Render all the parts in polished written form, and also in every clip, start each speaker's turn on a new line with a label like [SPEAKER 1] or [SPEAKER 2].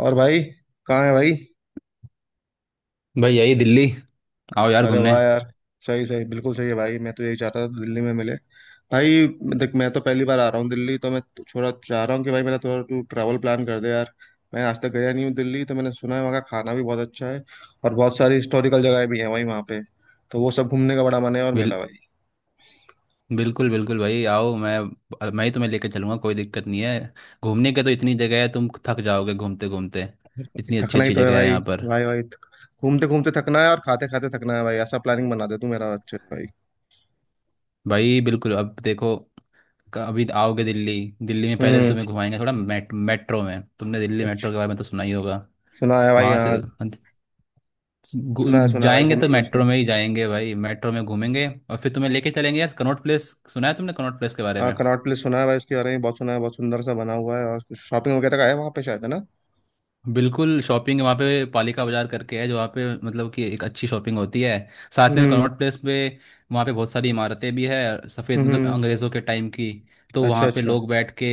[SPEAKER 1] और भाई कहाँ है भाई।
[SPEAKER 2] भाई, यही दिल्ली। आओ यार
[SPEAKER 1] अरे
[SPEAKER 2] घूमने।
[SPEAKER 1] वाह यार। सही सही बिल्कुल सही है भाई, मैं तो यही चाहता था दिल्ली में मिले भाई। देख, मैं तो पहली बार आ रहा हूँ दिल्ली, तो मैं तो थोड़ा चाह रहा हूँ कि भाई मेरा थोड़ा तू ट्रैवल प्लान कर दे यार। मैं आज तक गया नहीं हूँ दिल्ली, तो मैंने सुना है वहाँ का खाना भी बहुत अच्छा है। और बहुत सारी हिस्टोरिकल जगह भी है वहीं वहाँ पे। तो वो सब घूमने का बड़ा मन है और मेरा
[SPEAKER 2] बिल,
[SPEAKER 1] भाई।
[SPEAKER 2] बिल्कुल बिल्कुल भाई, आओ। मैं ही तुम्हें लेकर चलूंगा, कोई दिक्कत नहीं है। घूमने के तो इतनी जगह है, तुम थक जाओगे घूमते घूमते। इतनी अच्छी
[SPEAKER 1] थकना ही
[SPEAKER 2] अच्छी
[SPEAKER 1] तो है
[SPEAKER 2] जगह है
[SPEAKER 1] भाई।
[SPEAKER 2] यहाँ पर।
[SPEAKER 1] भाई भाई, घूमते घूमते थकना है और खाते खाते थकना है भाई, ऐसा प्लानिंग बना दे तू मेरा अच्छे से भाई।
[SPEAKER 2] भाई बिल्कुल, अब देखो, अभी आओगे दिल्ली। दिल्ली में पहले तुम्हें
[SPEAKER 1] हम्म।
[SPEAKER 2] घुमाएंगे थोड़ा मेट्रो में। तुमने दिल्ली मेट्रो
[SPEAKER 1] अच्छा।
[SPEAKER 2] के बारे में तो सुना ही होगा।
[SPEAKER 1] सुना है भाई,
[SPEAKER 2] वहां
[SPEAKER 1] हाँ।
[SPEAKER 2] से
[SPEAKER 1] सुना है भाई,
[SPEAKER 2] जाएंगे तो
[SPEAKER 1] घूमेंगे उसमें।
[SPEAKER 2] मेट्रो में ही जाएंगे भाई। मेट्रो में घूमेंगे और फिर तुम्हें लेके चलेंगे यार कनॉट प्लेस। सुना है तुमने कनॉट प्लेस के बारे
[SPEAKER 1] हाँ,
[SPEAKER 2] में।
[SPEAKER 1] कनॉट प्लेस सुना है भाई, उसके बारे में बहुत सुना है, बहुत सुंदर सा बना हुआ है और कुछ शॉपिंग वगैरह का है वहाँ पे शायद, है ना।
[SPEAKER 2] बिल्कुल, शॉपिंग वहाँ पे पालिका बाजार करके है, जो वहाँ पे मतलब कि एक अच्छी शॉपिंग होती है साथ में
[SPEAKER 1] हम्म।
[SPEAKER 2] कनॉट प्लेस पे। वहाँ पे बहुत सारी इमारतें भी है सफ़ेद, मतलब
[SPEAKER 1] हम्म।
[SPEAKER 2] अंग्रेज़ों के टाइम की। तो
[SPEAKER 1] अच्छा
[SPEAKER 2] वहाँ पे
[SPEAKER 1] अच्छा।
[SPEAKER 2] लोग बैठ के,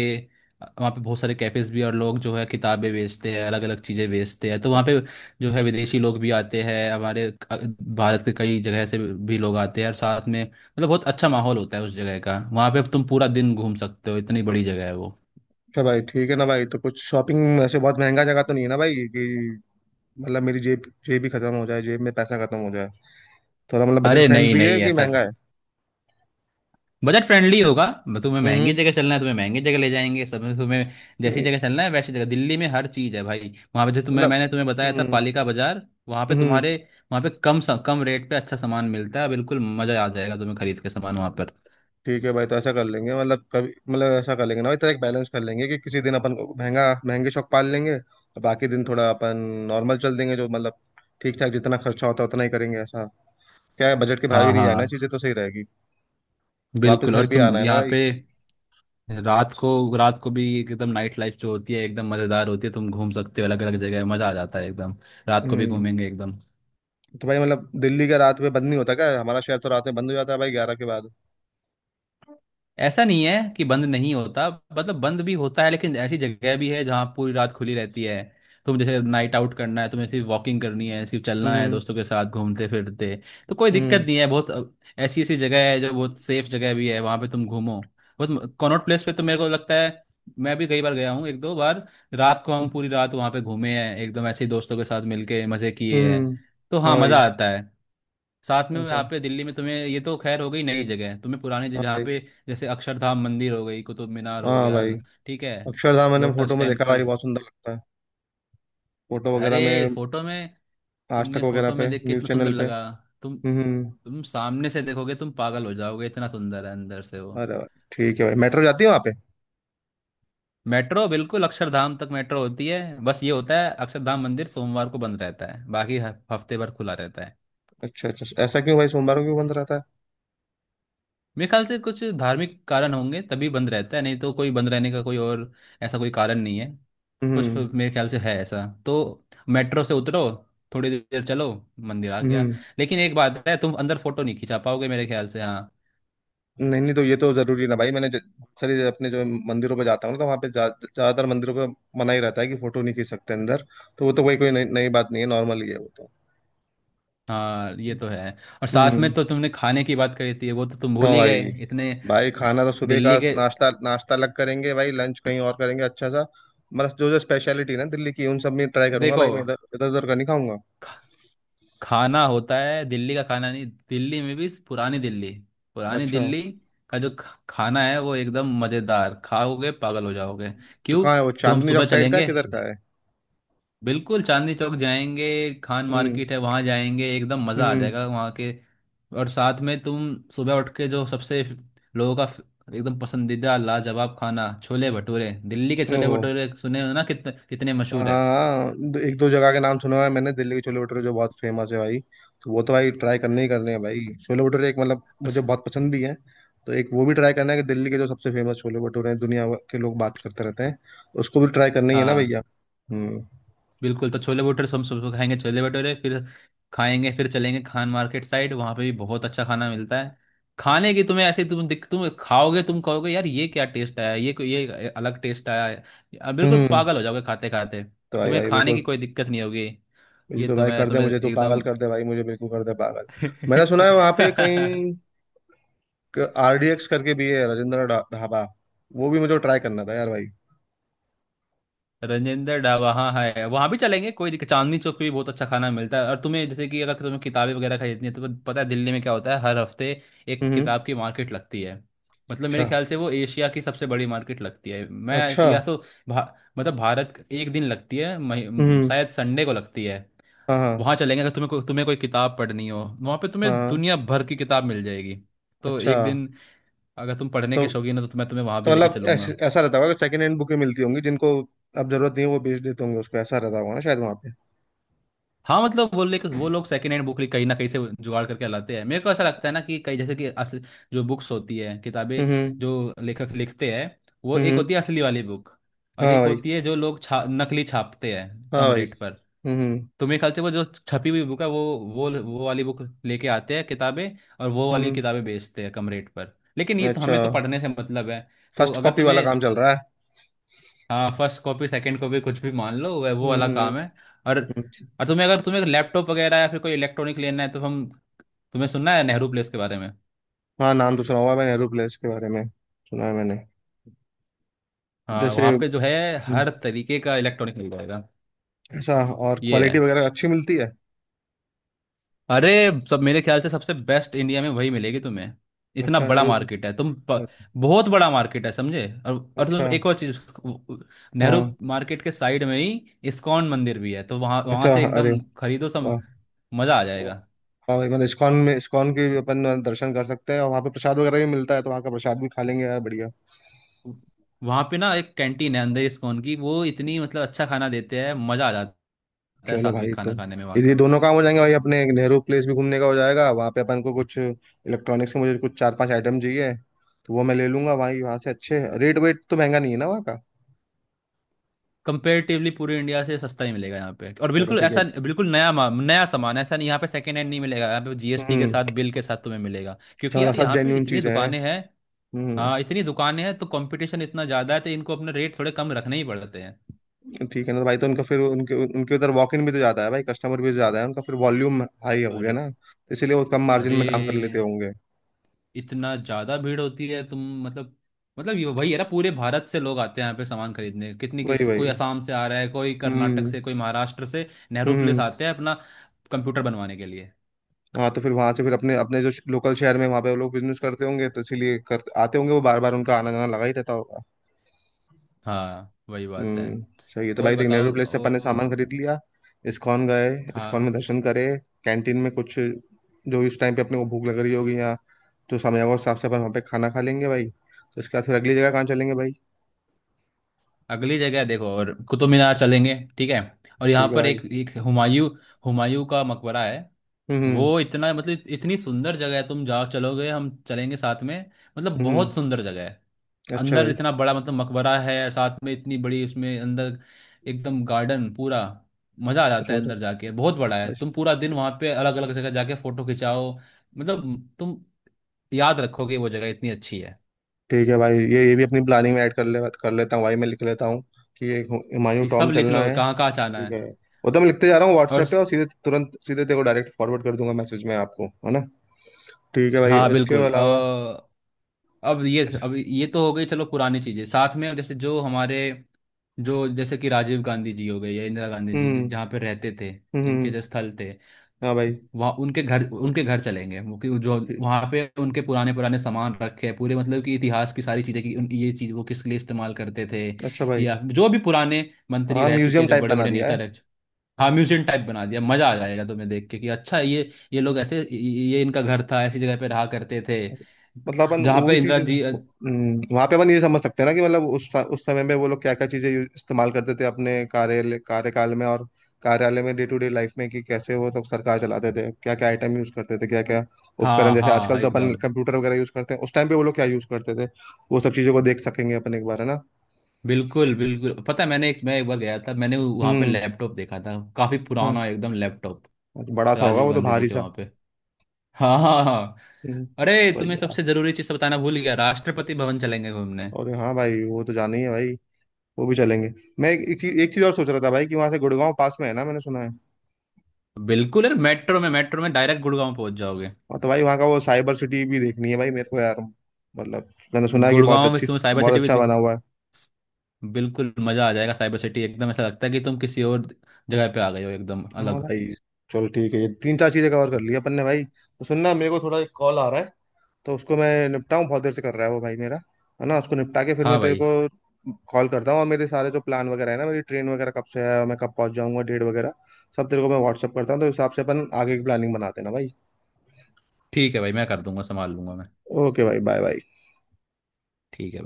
[SPEAKER 2] वहाँ पे बहुत सारे कैफ़ेज़ भी हैं और लोग जो है किताबें बेचते हैं, अलग अलग चीज़ें बेचते हैं। तो वहाँ पे जो है विदेशी लोग भी आते हैं, हमारे भारत के कई जगह से भी लोग आते हैं और साथ में मतलब बहुत अच्छा माहौल होता है उस जगह का। वहाँ पे तुम पूरा दिन घूम सकते हो, इतनी बड़ी जगह है वो।
[SPEAKER 1] अच्छा भाई, ठीक है ना भाई, तो कुछ शॉपिंग ऐसे बहुत महंगा जगह तो नहीं है ना भाई कि मतलब मेरी जेब जेब ही खत्म हो जाए, जेब में पैसा खत्म हो जाए। थोड़ा मतलब बजट
[SPEAKER 2] अरे नहीं
[SPEAKER 1] फ्रेंडली है
[SPEAKER 2] नहीं,
[SPEAKER 1] कि
[SPEAKER 2] ऐसा
[SPEAKER 1] महंगा है।
[SPEAKER 2] बजट फ्रेंडली होगा। तुम्हें महंगी
[SPEAKER 1] हम्म।
[SPEAKER 2] जगह चलना है, तुम्हें महंगी जगह ले जाएंगे सब तुम्हें। जैसी
[SPEAKER 1] नहीं
[SPEAKER 2] जगह चलना है वैसी जगह दिल्ली में हर चीज़ है भाई। वहाँ पे जो तुम्हें,
[SPEAKER 1] मतलब।
[SPEAKER 2] मैंने तुम्हें बताया था
[SPEAKER 1] हम्म।
[SPEAKER 2] पालिका बाजार। वहाँ पे
[SPEAKER 1] हम्म।
[SPEAKER 2] तुम्हारे, वहाँ पे कम रेट पे अच्छा सामान मिलता है। बिल्कुल मज़ा आ जाएगा तुम्हें खरीद के सामान वहाँ पर।
[SPEAKER 1] ठीक है भाई, तो ऐसा कर लेंगे मतलब कभी मतलब ऐसा कर लेंगे ना भाई, तो एक बैलेंस कर लेंगे कि किसी दिन अपन को महंगा महंगे शौक पाल लेंगे और बाकी दिन थोड़ा अपन नॉर्मल चल देंगे, जो मतलब ठीक ठाक जितना खर्चा होता है उतना ही करेंगे ऐसा। क्या है, बजट के बाहर
[SPEAKER 2] हाँ
[SPEAKER 1] भी नहीं जाना,
[SPEAKER 2] हाँ,
[SPEAKER 1] चीजें तो सही रहेगी। वापस
[SPEAKER 2] बिल्कुल।
[SPEAKER 1] घर
[SPEAKER 2] और
[SPEAKER 1] भी आना
[SPEAKER 2] तुम
[SPEAKER 1] है ना
[SPEAKER 2] यहाँ
[SPEAKER 1] भाई।
[SPEAKER 2] पे रात को, रात को भी एकदम नाइट लाइफ जो होती है एकदम मज़ेदार होती है। तुम घूम सकते हो अलग अलग जगह, मज़ा आ जाता है एकदम। रात को भी
[SPEAKER 1] हम्म।
[SPEAKER 2] घूमेंगे एकदम।
[SPEAKER 1] तो भाई मतलब दिल्ली का रात में बंद नहीं होता क्या, हमारा शहर तो रात में बंद हो जाता है भाई 11 के बाद।
[SPEAKER 2] ऐसा नहीं है कि बंद नहीं होता, मतलब बंद भी होता है, लेकिन ऐसी जगह भी है जहाँ पूरी रात खुली रहती है। तुम जैसे नाइट आउट करना है तुम्हें, सिर्फ वॉकिंग करनी है, सिर्फ चलना है
[SPEAKER 1] हम्म।
[SPEAKER 2] दोस्तों के साथ घूमते फिरते तो कोई दिक्कत
[SPEAKER 1] हम्म।
[SPEAKER 2] नहीं है। बहुत ऐसी ऐसी जगह है जो बहुत सेफ जगह भी है, वहाँ पे तुम घूमो। बहुत कॉनॉट प्लेस पे तो मेरे को लगता है, मैं भी कई बार गया हूँ। एक दो बार रात को हम पूरी रात वहाँ पे घूमे हैं एकदम ऐसे ही, दोस्तों के साथ मिलके मजे किए हैं।
[SPEAKER 1] हम्म।
[SPEAKER 2] तो हाँ,
[SPEAKER 1] हाँ भाई।
[SPEAKER 2] मजा आता है। साथ में
[SPEAKER 1] ऐसा।
[SPEAKER 2] यहाँ पे दिल्ली में तुम्हें ये तो खैर हो गई नई जगह, तुम्हें
[SPEAKER 1] हाँ
[SPEAKER 2] जहाँ
[SPEAKER 1] भाई।
[SPEAKER 2] पे जैसे अक्षरधाम मंदिर हो गई, कुतुब मीनार हो
[SPEAKER 1] हाँ
[SPEAKER 2] गया,
[SPEAKER 1] भाई।
[SPEAKER 2] ठीक है,
[SPEAKER 1] अक्षरधाम मैंने
[SPEAKER 2] लोटस
[SPEAKER 1] फोटो में देखा भाई,
[SPEAKER 2] टेम्पल।
[SPEAKER 1] बहुत सुंदर लगता है। फोटो वगैरह
[SPEAKER 2] अरे
[SPEAKER 1] में।
[SPEAKER 2] फोटो में,
[SPEAKER 1] आज तक
[SPEAKER 2] तुमने
[SPEAKER 1] वगैरह
[SPEAKER 2] फोटो में
[SPEAKER 1] पे,
[SPEAKER 2] देख के
[SPEAKER 1] न्यूज
[SPEAKER 2] इतना सुंदर
[SPEAKER 1] चैनल पे।
[SPEAKER 2] लगा, तुम
[SPEAKER 1] हम्म।
[SPEAKER 2] तुम सामने से देखोगे तुम पागल हो जाओगे, इतना सुंदर है अंदर से वो।
[SPEAKER 1] अरे भाई, ठीक है भाई, मेट्रो जाती है वहाँ पे।
[SPEAKER 2] मेट्रो बिल्कुल, अक्षरधाम तक मेट्रो होती है। बस ये होता है अक्षरधाम मंदिर सोमवार को बंद रहता है, बाकी हफ्ते भर खुला रहता है।
[SPEAKER 1] अच्छा अच्छा अच्छा। ऐसा क्यों भाई, सोमवार को क्यों बंद रहता है।
[SPEAKER 2] मेरे ख्याल से कुछ धार्मिक कारण होंगे तभी बंद रहता है, नहीं तो कोई बंद रहने का कोई और ऐसा कोई कारण नहीं है। कुछ
[SPEAKER 1] हम्म।
[SPEAKER 2] मेरे ख्याल से है ऐसा तो। मेट्रो से उतरो, थोड़ी देर चलो, मंदिर आ गया।
[SPEAKER 1] हम्म।
[SPEAKER 2] लेकिन एक बात है, तुम अंदर फोटो नहीं खिंचा पाओगे मेरे ख्याल से, हाँ।
[SPEAKER 1] नहीं नहीं, तो ये तो जरूरी है ना भाई, मैंने बहुत सारी अपने जो मंदिरों पे जाता हूँ ना, तो वहाँ पे ज्यादातर मंदिरों पे मना ही रहता है कि फोटो नहीं खींच सकते अंदर। तो वो तो कोई कोई नई नई बात नहीं है, नॉर्मल ही है वो तो।
[SPEAKER 2] हाँ ये तो है। और साथ
[SPEAKER 1] हम्म।
[SPEAKER 2] में तो तुमने खाने की बात करी थी, वो तो तुम
[SPEAKER 1] हाँ
[SPEAKER 2] भूल ही
[SPEAKER 1] भाई।
[SPEAKER 2] गए इतने।
[SPEAKER 1] भाई खाना तो सुबह का
[SPEAKER 2] दिल्ली के
[SPEAKER 1] नाश्ता, नाश्ता अलग करेंगे भाई, लंच कहीं और करेंगे अच्छा सा। मतलब जो जो स्पेशलिटी ना दिल्ली की, उन सब में ट्राई करूंगा
[SPEAKER 2] देखो,
[SPEAKER 1] भाई, मैं इधर इधर उधर का नहीं खाऊंगा।
[SPEAKER 2] खाना होता है दिल्ली का खाना, नहीं दिल्ली में भी पुरानी
[SPEAKER 1] अच्छा।
[SPEAKER 2] दिल्ली का जो खाना है वो एकदम मजेदार, खाओगे पागल हो जाओगे।
[SPEAKER 1] तो
[SPEAKER 2] क्यों?
[SPEAKER 1] कहाँ है वो,
[SPEAKER 2] तो हम
[SPEAKER 1] चांदनी चौक
[SPEAKER 2] सुबह
[SPEAKER 1] साइड का है,
[SPEAKER 2] चलेंगे,
[SPEAKER 1] किधर का है।
[SPEAKER 2] बिल्कुल चांदनी चौक जाएंगे। खान
[SPEAKER 1] हम्म।
[SPEAKER 2] मार्केट है, वहां जाएंगे, एकदम मजा आ
[SPEAKER 1] हम्म।
[SPEAKER 2] जाएगा वहां के। और साथ में तुम सुबह उठ के जो सबसे लोगों का एकदम पसंदीदा लाजवाब खाना, छोले भटूरे, दिल्ली के छोले
[SPEAKER 1] ओहो।
[SPEAKER 2] भटूरे सुने हो ना, कितने कितने मशहूर है।
[SPEAKER 1] हाँ, एक दो जगह के नाम सुना हुआ है मैंने, दिल्ली के छोले भटूरे जो बहुत फेमस है भाई। तो वो तो भाई ट्राई करने ही करने हैं भाई, छोले भटूरे एक मतलब मुझे बहुत पसंद भी है। तो एक वो भी ट्राई करना है कि दिल्ली के जो सबसे फेमस छोले भटूरे हैं, दुनिया भर के लोग बात करते रहते हैं, उसको भी ट्राई करना ही है ना
[SPEAKER 2] हाँ
[SPEAKER 1] भैया। हम्म।
[SPEAKER 2] बिल्कुल, तो छोले भटूरे, सब सबको खाएंगे छोले भटूरे, फिर खाएंगे, फिर चलेंगे खान मार्केट साइड, वहाँ पे भी बहुत अच्छा खाना मिलता है। खाने की तुम्हें ऐसे, तुम दिख तुम खाओगे, तुम कहोगे यार ये क्या टेस्ट आया, ये कोई- ये अलग टेस्ट आया है। अब
[SPEAKER 1] हम्म।
[SPEAKER 2] बिल्कुल
[SPEAKER 1] हम्म।
[SPEAKER 2] पागल हो जाओगे खाते खाते,
[SPEAKER 1] तो भाई
[SPEAKER 2] तुम्हें
[SPEAKER 1] भाई
[SPEAKER 2] खाने की
[SPEAKER 1] बिल्कुल
[SPEAKER 2] कोई दिक्कत नहीं होगी। ये
[SPEAKER 1] बिल्कुल
[SPEAKER 2] तो
[SPEAKER 1] भाई,
[SPEAKER 2] मैं
[SPEAKER 1] कर दे,
[SPEAKER 2] तुम्हें
[SPEAKER 1] मुझे तो पागल
[SPEAKER 2] एकदम
[SPEAKER 1] कर दे भाई, मुझे बिल्कुल कर दे पागल। मैंने सुना है वहाँ पे कहीं आरडीएक्स करके भी है, राजेंद्र ढाबा, वो भी मुझे ट्राई करना था यार भाई।
[SPEAKER 2] रजेंद्र डा वहाँ है, वहाँ भी चलेंगे, कोई दिक्कत। चांदनी चौक पे भी बहुत अच्छा खाना मिलता है। और तुम्हें जैसे कि अगर तुम्हें किताबें वगैरह खरीदनी है, तो पता है दिल्ली में क्या होता है? हर हफ्ते एक
[SPEAKER 1] हम्म।
[SPEAKER 2] किताब की मार्केट लगती है, मतलब
[SPEAKER 1] अच्छा
[SPEAKER 2] मेरे ख्याल से वो एशिया की सबसे बड़ी मार्केट लगती है। मैं
[SPEAKER 1] अच्छा।
[SPEAKER 2] या तो मतलब भारत, एक दिन लगती है,
[SPEAKER 1] हम्म।
[SPEAKER 2] शायद संडे को लगती है।
[SPEAKER 1] हाँ हाँ
[SPEAKER 2] वहाँ चलेंगे, अगर तुम्हें तुम्हें कोई किताब पढ़नी हो, वहाँ पे तुम्हें
[SPEAKER 1] हाँ।
[SPEAKER 2] दुनिया भर की किताब मिल जाएगी। तो
[SPEAKER 1] अच्छा।
[SPEAKER 2] एक दिन, अगर तुम पढ़ने
[SPEAKER 1] तो
[SPEAKER 2] के शौकीन हो तो मैं तुम्हें वहाँ
[SPEAKER 1] तो
[SPEAKER 2] भी लेके
[SPEAKER 1] मतलब ऐस,
[SPEAKER 2] चलूंगा।
[SPEAKER 1] ऐसा रहता होगा कि सेकंड हैंड बुकें मिलती होंगी जिनको अब जरूरत नहीं है, वो बेच देते होंगे उसको, ऐसा रहता होगा ना शायद वहाँ पे।
[SPEAKER 2] हाँ मतलब वो लेकर, वो लोग सेकंड हैंड बुक कहीं ना कहीं से जुगाड़ करके लाते हैं, मेरे को ऐसा लगता है ना, कि कई जैसे कि जो बुक्स होती है, किताबें,
[SPEAKER 1] हम्म।
[SPEAKER 2] जो लेखक लिखते हैं, वो एक
[SPEAKER 1] हम्म।
[SPEAKER 2] होती है असली वाली बुक, और
[SPEAKER 1] हाँ
[SPEAKER 2] एक
[SPEAKER 1] भाई।
[SPEAKER 2] होती है जो लोग नकली छापते हैं
[SPEAKER 1] हाँ
[SPEAKER 2] कम
[SPEAKER 1] भाई।
[SPEAKER 2] रेट पर।
[SPEAKER 1] हम्म।
[SPEAKER 2] तो मेरे ख्याल से वो जो छपी हुई बुक है वो वाली बुक लेके आते हैं किताबें, और वो
[SPEAKER 1] हम्म।
[SPEAKER 2] वाली
[SPEAKER 1] हम्म।
[SPEAKER 2] किताबें बेचते हैं कम रेट पर, लेकिन ये तो
[SPEAKER 1] अच्छा।
[SPEAKER 2] हमें तो पढ़ने से मतलब है। तो
[SPEAKER 1] फर्स्ट
[SPEAKER 2] अगर
[SPEAKER 1] कॉपी वाला
[SPEAKER 2] तुम्हें,
[SPEAKER 1] काम चल रहा है।
[SPEAKER 2] हाँ फर्स्ट कॉपी सेकंड कॉपी कुछ भी मान लो, वह वो वाला
[SPEAKER 1] हम्म।
[SPEAKER 2] काम है। और
[SPEAKER 1] हम्म।
[SPEAKER 2] तुम्हें, अगर तुम्हें लैपटॉप वगैरह या फिर कोई इलेक्ट्रॉनिक लेना है तो हम, तुम्हें सुनना है नेहरू प्लेस के बारे में।
[SPEAKER 1] हाँ, नाम तो सुना हुआ है मैंने एरोप्लेस के बारे में, सुना है मैंने।
[SPEAKER 2] हाँ,
[SPEAKER 1] जैसे।
[SPEAKER 2] वहाँ पे जो है
[SPEAKER 1] हम्म,
[SPEAKER 2] हर तरीके का इलेक्ट्रॉनिक मिल जाएगा।
[SPEAKER 1] ऐसा। और
[SPEAKER 2] ये
[SPEAKER 1] क्वालिटी
[SPEAKER 2] है,
[SPEAKER 1] वगैरह अच्छी मिलती है।
[SPEAKER 2] अरे सब मेरे ख्याल से सबसे बेस्ट इंडिया में वही मिलेगी तुम्हें। इतना
[SPEAKER 1] अच्छा
[SPEAKER 2] बड़ा
[SPEAKER 1] नेहरू।
[SPEAKER 2] मार्केट है,
[SPEAKER 1] और
[SPEAKER 2] बहुत बड़ा मार्केट है, समझे? और तुम
[SPEAKER 1] अच्छा।
[SPEAKER 2] एक और चीज, नेहरू
[SPEAKER 1] हाँ।
[SPEAKER 2] मार्केट के साइड में ही इस्कॉन मंदिर भी है, तो वहाँ वहाँ
[SPEAKER 1] अच्छा
[SPEAKER 2] से
[SPEAKER 1] हाँ, अरे
[SPEAKER 2] एकदम खरीदो सब,
[SPEAKER 1] वाह।
[SPEAKER 2] मजा आ
[SPEAKER 1] वाह।
[SPEAKER 2] जाएगा।
[SPEAKER 1] हाँ भाई, मतलब इस्कॉन में इस्कॉन के भी अपन दर्शन कर सकते हैं और वहाँ पे प्रसाद वगैरह भी मिलता है, तो वहाँ का प्रसाद भी खा लेंगे यार बढ़िया।
[SPEAKER 2] वहां पे ना एक कैंटीन है अंदर इस्कॉन की, वो इतनी मतलब अच्छा खाना देते हैं, मजा आ जाता है
[SPEAKER 1] चलो भाई,
[SPEAKER 2] सात्विक
[SPEAKER 1] तो
[SPEAKER 2] खाना खाने में वहाँ
[SPEAKER 1] यदि
[SPEAKER 2] का।
[SPEAKER 1] दोनों काम हो जाएंगे भाई अपने, एक नेहरू प्लेस भी घूमने का हो जाएगा, वहाँ पे अपन को कुछ इलेक्ट्रॉनिक्स के, मुझे कुछ चार पांच आइटम चाहिए, तो वो मैं ले लूंगा भाई वहाँ से। अच्छे रेट वेट, तो महंगा नहीं है ना वहाँ का।
[SPEAKER 2] कंपेरेटिवली पूरे इंडिया से सस्ता ही मिलेगा यहाँ पे, और
[SPEAKER 1] चलो
[SPEAKER 2] बिल्कुल
[SPEAKER 1] ठीक है।
[SPEAKER 2] ऐसा, बिल्कुल नया, नया सामान है, ऐसा नहीं यहाँ पे सेकेंड हैंड नहीं मिलेगा, यहाँ पे जीएसटी के
[SPEAKER 1] हम्म।
[SPEAKER 2] साथ, बिल के साथ तुम्हें मिलेगा,
[SPEAKER 1] अच्छा,
[SPEAKER 2] क्योंकि
[SPEAKER 1] मतलब
[SPEAKER 2] यार
[SPEAKER 1] सब
[SPEAKER 2] यहाँ पे
[SPEAKER 1] जेन्यून
[SPEAKER 2] इतनी
[SPEAKER 1] चीजें हैं।
[SPEAKER 2] दुकानें हैं।
[SPEAKER 1] हम्म।
[SPEAKER 2] हाँ इतनी दुकानें हैं, तो कंपटीशन इतना ज्यादा है, तो इनको अपने रेट थोड़े कम रखने ही पड़ते हैं।
[SPEAKER 1] ठीक है ना, तो भाई तो उनका फिर उनके उनके उधर वॉक इन भी तो ज्यादा है भाई, कस्टमर भी तो ज्यादा है उनका, फिर वॉल्यूम हाई हो गया
[SPEAKER 2] और
[SPEAKER 1] ना, तो इसीलिए वो कम मार्जिन
[SPEAKER 2] अरे,
[SPEAKER 1] में काम कर लेते होंगे।
[SPEAKER 2] इतना ज्यादा भीड़ होती है तुम, मतलब मतलब ये वही है ना पूरे भारत से लोग आते हैं यहाँ पे सामान खरीदने,
[SPEAKER 1] वही
[SPEAKER 2] कोई
[SPEAKER 1] वही।
[SPEAKER 2] असम से आ रहा है, कोई कर्नाटक
[SPEAKER 1] हम्म।
[SPEAKER 2] से, कोई महाराष्ट्र से,
[SPEAKER 1] हम्म।
[SPEAKER 2] नेहरू प्लेस आते
[SPEAKER 1] हम्म।
[SPEAKER 2] हैं अपना कंप्यूटर बनवाने के लिए।
[SPEAKER 1] हाँ, तो फिर वहां से फिर अपने अपने जो लोकल शहर में वहां पे वो लोग बिजनेस करते होंगे, तो इसीलिए कर आते होंगे वो बार बार, उनका आना जाना लगा ही रहता होगा।
[SPEAKER 2] हाँ वही बात है।
[SPEAKER 1] हम्म। सही है। तो भाई
[SPEAKER 2] और
[SPEAKER 1] देख,
[SPEAKER 2] बताओ,
[SPEAKER 1] नेहरू प्लेस से अपन ने सामान खरीद लिया, इस्कॉन गए, इस्कॉन में
[SPEAKER 2] हाँ,
[SPEAKER 1] दर्शन करे, कैंटीन में कुछ जो इस टाइम पे अपने को भूख लग रही होगी या जो समय होगा उस हिसाब से अपन वहाँ पे खाना खा लेंगे भाई, तो उसके बाद फिर अगली जगह कहाँ चलेंगे भाई।
[SPEAKER 2] अगली जगह है, देखो और कुतुब मीनार चलेंगे, ठीक है। और यहाँ
[SPEAKER 1] ठीक है
[SPEAKER 2] पर
[SPEAKER 1] भाई।
[SPEAKER 2] एक एक हुमायूं हुमायूं का मकबरा है।
[SPEAKER 1] हम्म।
[SPEAKER 2] वो इतना मतलब इतनी सुंदर जगह है, तुम जाओ, चलोगे हम चलेंगे साथ में, मतलब बहुत
[SPEAKER 1] हम्म।
[SPEAKER 2] सुंदर जगह है।
[SPEAKER 1] अच्छा
[SPEAKER 2] अंदर
[SPEAKER 1] भाई।
[SPEAKER 2] इतना बड़ा मतलब मकबरा है, साथ में इतनी बड़ी उसमें अंदर एकदम गार्डन पूरा, मजा आ जाता
[SPEAKER 1] अच्छा
[SPEAKER 2] है
[SPEAKER 1] बताओ।
[SPEAKER 2] अंदर जाके। बहुत बड़ा है,
[SPEAKER 1] अच्छा,
[SPEAKER 2] तुम पूरा दिन वहां पे अलग अलग जगह जाके फोटो खिंचाओ, मतलब तुम याद रखोगे, वो जगह इतनी अच्छी है।
[SPEAKER 1] ठीक है भाई, ये भी अपनी प्लानिंग में ऐड कर ले, कर लेता हूँ भाई, मैं लिख लेता हूँ कि एक हुमायूं
[SPEAKER 2] ये सब
[SPEAKER 1] टॉम
[SPEAKER 2] लिख
[SPEAKER 1] चलना
[SPEAKER 2] लो
[SPEAKER 1] है।
[SPEAKER 2] कहाँ कहाँ जाना
[SPEAKER 1] ठीक
[SPEAKER 2] है।
[SPEAKER 1] है। वो तो मैं लिखते जा रहा हूँ
[SPEAKER 2] और
[SPEAKER 1] व्हाट्सएप पे, और सीधे तुरंत सीधे तेरे को डायरेक्ट फॉरवर्ड कर दूंगा मैसेज में आपको, है ना। ठीक है भाई,
[SPEAKER 2] हाँ
[SPEAKER 1] उसके
[SPEAKER 2] बिल्कुल,
[SPEAKER 1] अलावा।
[SPEAKER 2] अब ये, तो हो गई चलो पुरानी चीजें, साथ में जैसे जो हमारे, जो जैसे कि राजीव गांधी जी हो गए या इंदिरा गांधी जी
[SPEAKER 1] हम्म।
[SPEAKER 2] जहाँ पे रहते थे, इनके
[SPEAKER 1] हम्म।
[SPEAKER 2] जो स्थल थे,
[SPEAKER 1] हाँ भाई।
[SPEAKER 2] वहाँ उनके घर, उनके घर चलेंगे। वो कि जो
[SPEAKER 1] ठीक।
[SPEAKER 2] वहाँ पे उनके पुराने पुराने सामान रखे हैं पूरे, मतलब कि इतिहास की सारी चीज़ें, कि ये चीज़ वो किस लिए इस्तेमाल करते थे,
[SPEAKER 1] अच्छा भाई।
[SPEAKER 2] या जो भी पुराने मंत्री
[SPEAKER 1] हाँ,
[SPEAKER 2] रह चुके,
[SPEAKER 1] म्यूजियम
[SPEAKER 2] जो
[SPEAKER 1] टाइप
[SPEAKER 2] बड़े
[SPEAKER 1] बना
[SPEAKER 2] बड़े
[SPEAKER 1] दिया
[SPEAKER 2] नेता
[SPEAKER 1] है।
[SPEAKER 2] रह। हाँ म्यूजियम टाइप बना दिया, मजा आ जाएगा तुम्हें देख के कि अच्छा, ये लोग ऐसे, ये इनका घर था, ऐसी जगह पे रहा करते थे,
[SPEAKER 1] मतलब अपन
[SPEAKER 2] जहाँ पे
[SPEAKER 1] ओबीसी
[SPEAKER 2] इंदिरा
[SPEAKER 1] से
[SPEAKER 2] जी।
[SPEAKER 1] वहां पे अपन ये समझ सकते हैं ना कि मतलब उस समय में वो लोग क्या क्या चीजें इस्तेमाल करते थे अपने कार्यालय, कार्यकाल में, और कार्यालय में डे टू डे लाइफ में, कि कैसे वो लोग सरकार चलाते थे, क्या क्या आइटम यूज करते थे, क्या क्या उपकरण,
[SPEAKER 2] हाँ
[SPEAKER 1] जैसे
[SPEAKER 2] हाँ हाँ,
[SPEAKER 1] आजकल तो अपन
[SPEAKER 2] एकदम
[SPEAKER 1] कंप्यूटर वगैरह यूज करते हैं, उस टाइम पे वो लोग क्या यूज करते थे, वो सब चीजों को देख सकेंगे अपन एक बार, है ना।
[SPEAKER 2] बिल्कुल बिल्कुल, पता है, मैं एक बार गया था, मैंने वहाँ पे
[SPEAKER 1] हम्म।
[SPEAKER 2] लैपटॉप देखा था काफी
[SPEAKER 1] हाँ,
[SPEAKER 2] पुराना एकदम लैपटॉप,
[SPEAKER 1] बड़ा सा होगा
[SPEAKER 2] राजीव
[SPEAKER 1] वो तो,
[SPEAKER 2] गांधी जी
[SPEAKER 1] भारी
[SPEAKER 2] के
[SPEAKER 1] सा।
[SPEAKER 2] वहाँ पे। हाँ हाँ हाँ।
[SPEAKER 1] हम्म,
[SPEAKER 2] अरे
[SPEAKER 1] सही है
[SPEAKER 2] तुम्हें
[SPEAKER 1] यार।
[SPEAKER 2] सबसे जरूरी चीज बताना भूल गया, राष्ट्रपति भवन चलेंगे घूमने।
[SPEAKER 1] और हाँ भाई, वो तो जाना ही है भाई, वो भी चलेंगे। मैं एक चीज और सोच रहा था भाई, कि वहां से गुड़गांव पास में है ना, मैंने सुना है।
[SPEAKER 2] बिल्कुल यार, मेट्रो में, मेट्रो में डायरेक्ट गुड़गांव पहुंच जाओगे।
[SPEAKER 1] हाँ, तो भाई वहाँ का वो साइबर सिटी भी देखनी है भाई मेरे को यार, मतलब मैंने सुना है कि बहुत
[SPEAKER 2] गुड़गांव में
[SPEAKER 1] अच्छी,
[SPEAKER 2] तुम्हें साइबर
[SPEAKER 1] बहुत
[SPEAKER 2] सिटी भी
[SPEAKER 1] अच्छा बना हुआ है।
[SPEAKER 2] बिल्कुल मजा आ जाएगा। साइबर सिटी एकदम ऐसा लगता है कि तुम किसी और जगह पे आ गए हो, एकदम
[SPEAKER 1] हाँ
[SPEAKER 2] अलग।
[SPEAKER 1] भाई। चलो ठीक है, ये तीन चार चीजें कवर कर ली अपन ने भाई, तो सुनना मेरे को थोड़ा एक कॉल आ रहा है, तो उसको मैं निपटाऊँ, बहुत देर से कर रहा है वो भाई मेरा, है ना, उसको निपटा के फिर मैं
[SPEAKER 2] हाँ
[SPEAKER 1] तेरे
[SPEAKER 2] भाई,
[SPEAKER 1] को कॉल करता हूँ, और मेरे सारे जो प्लान वगैरह है ना, मेरी ट्रेन वगैरह कब से है और मैं कब पहुंच जाऊंगा, डेट वगैरह सब तेरे को मैं व्हाट्सअप करता हूँ, तो उस हिसाब से अपन आगे की प्लानिंग बना देना भाई।
[SPEAKER 2] ठीक है भाई, मैं कर दूंगा, संभाल लूंगा मैं।
[SPEAKER 1] ओके भाई, बाय बाय।
[SPEAKER 2] ठीक है।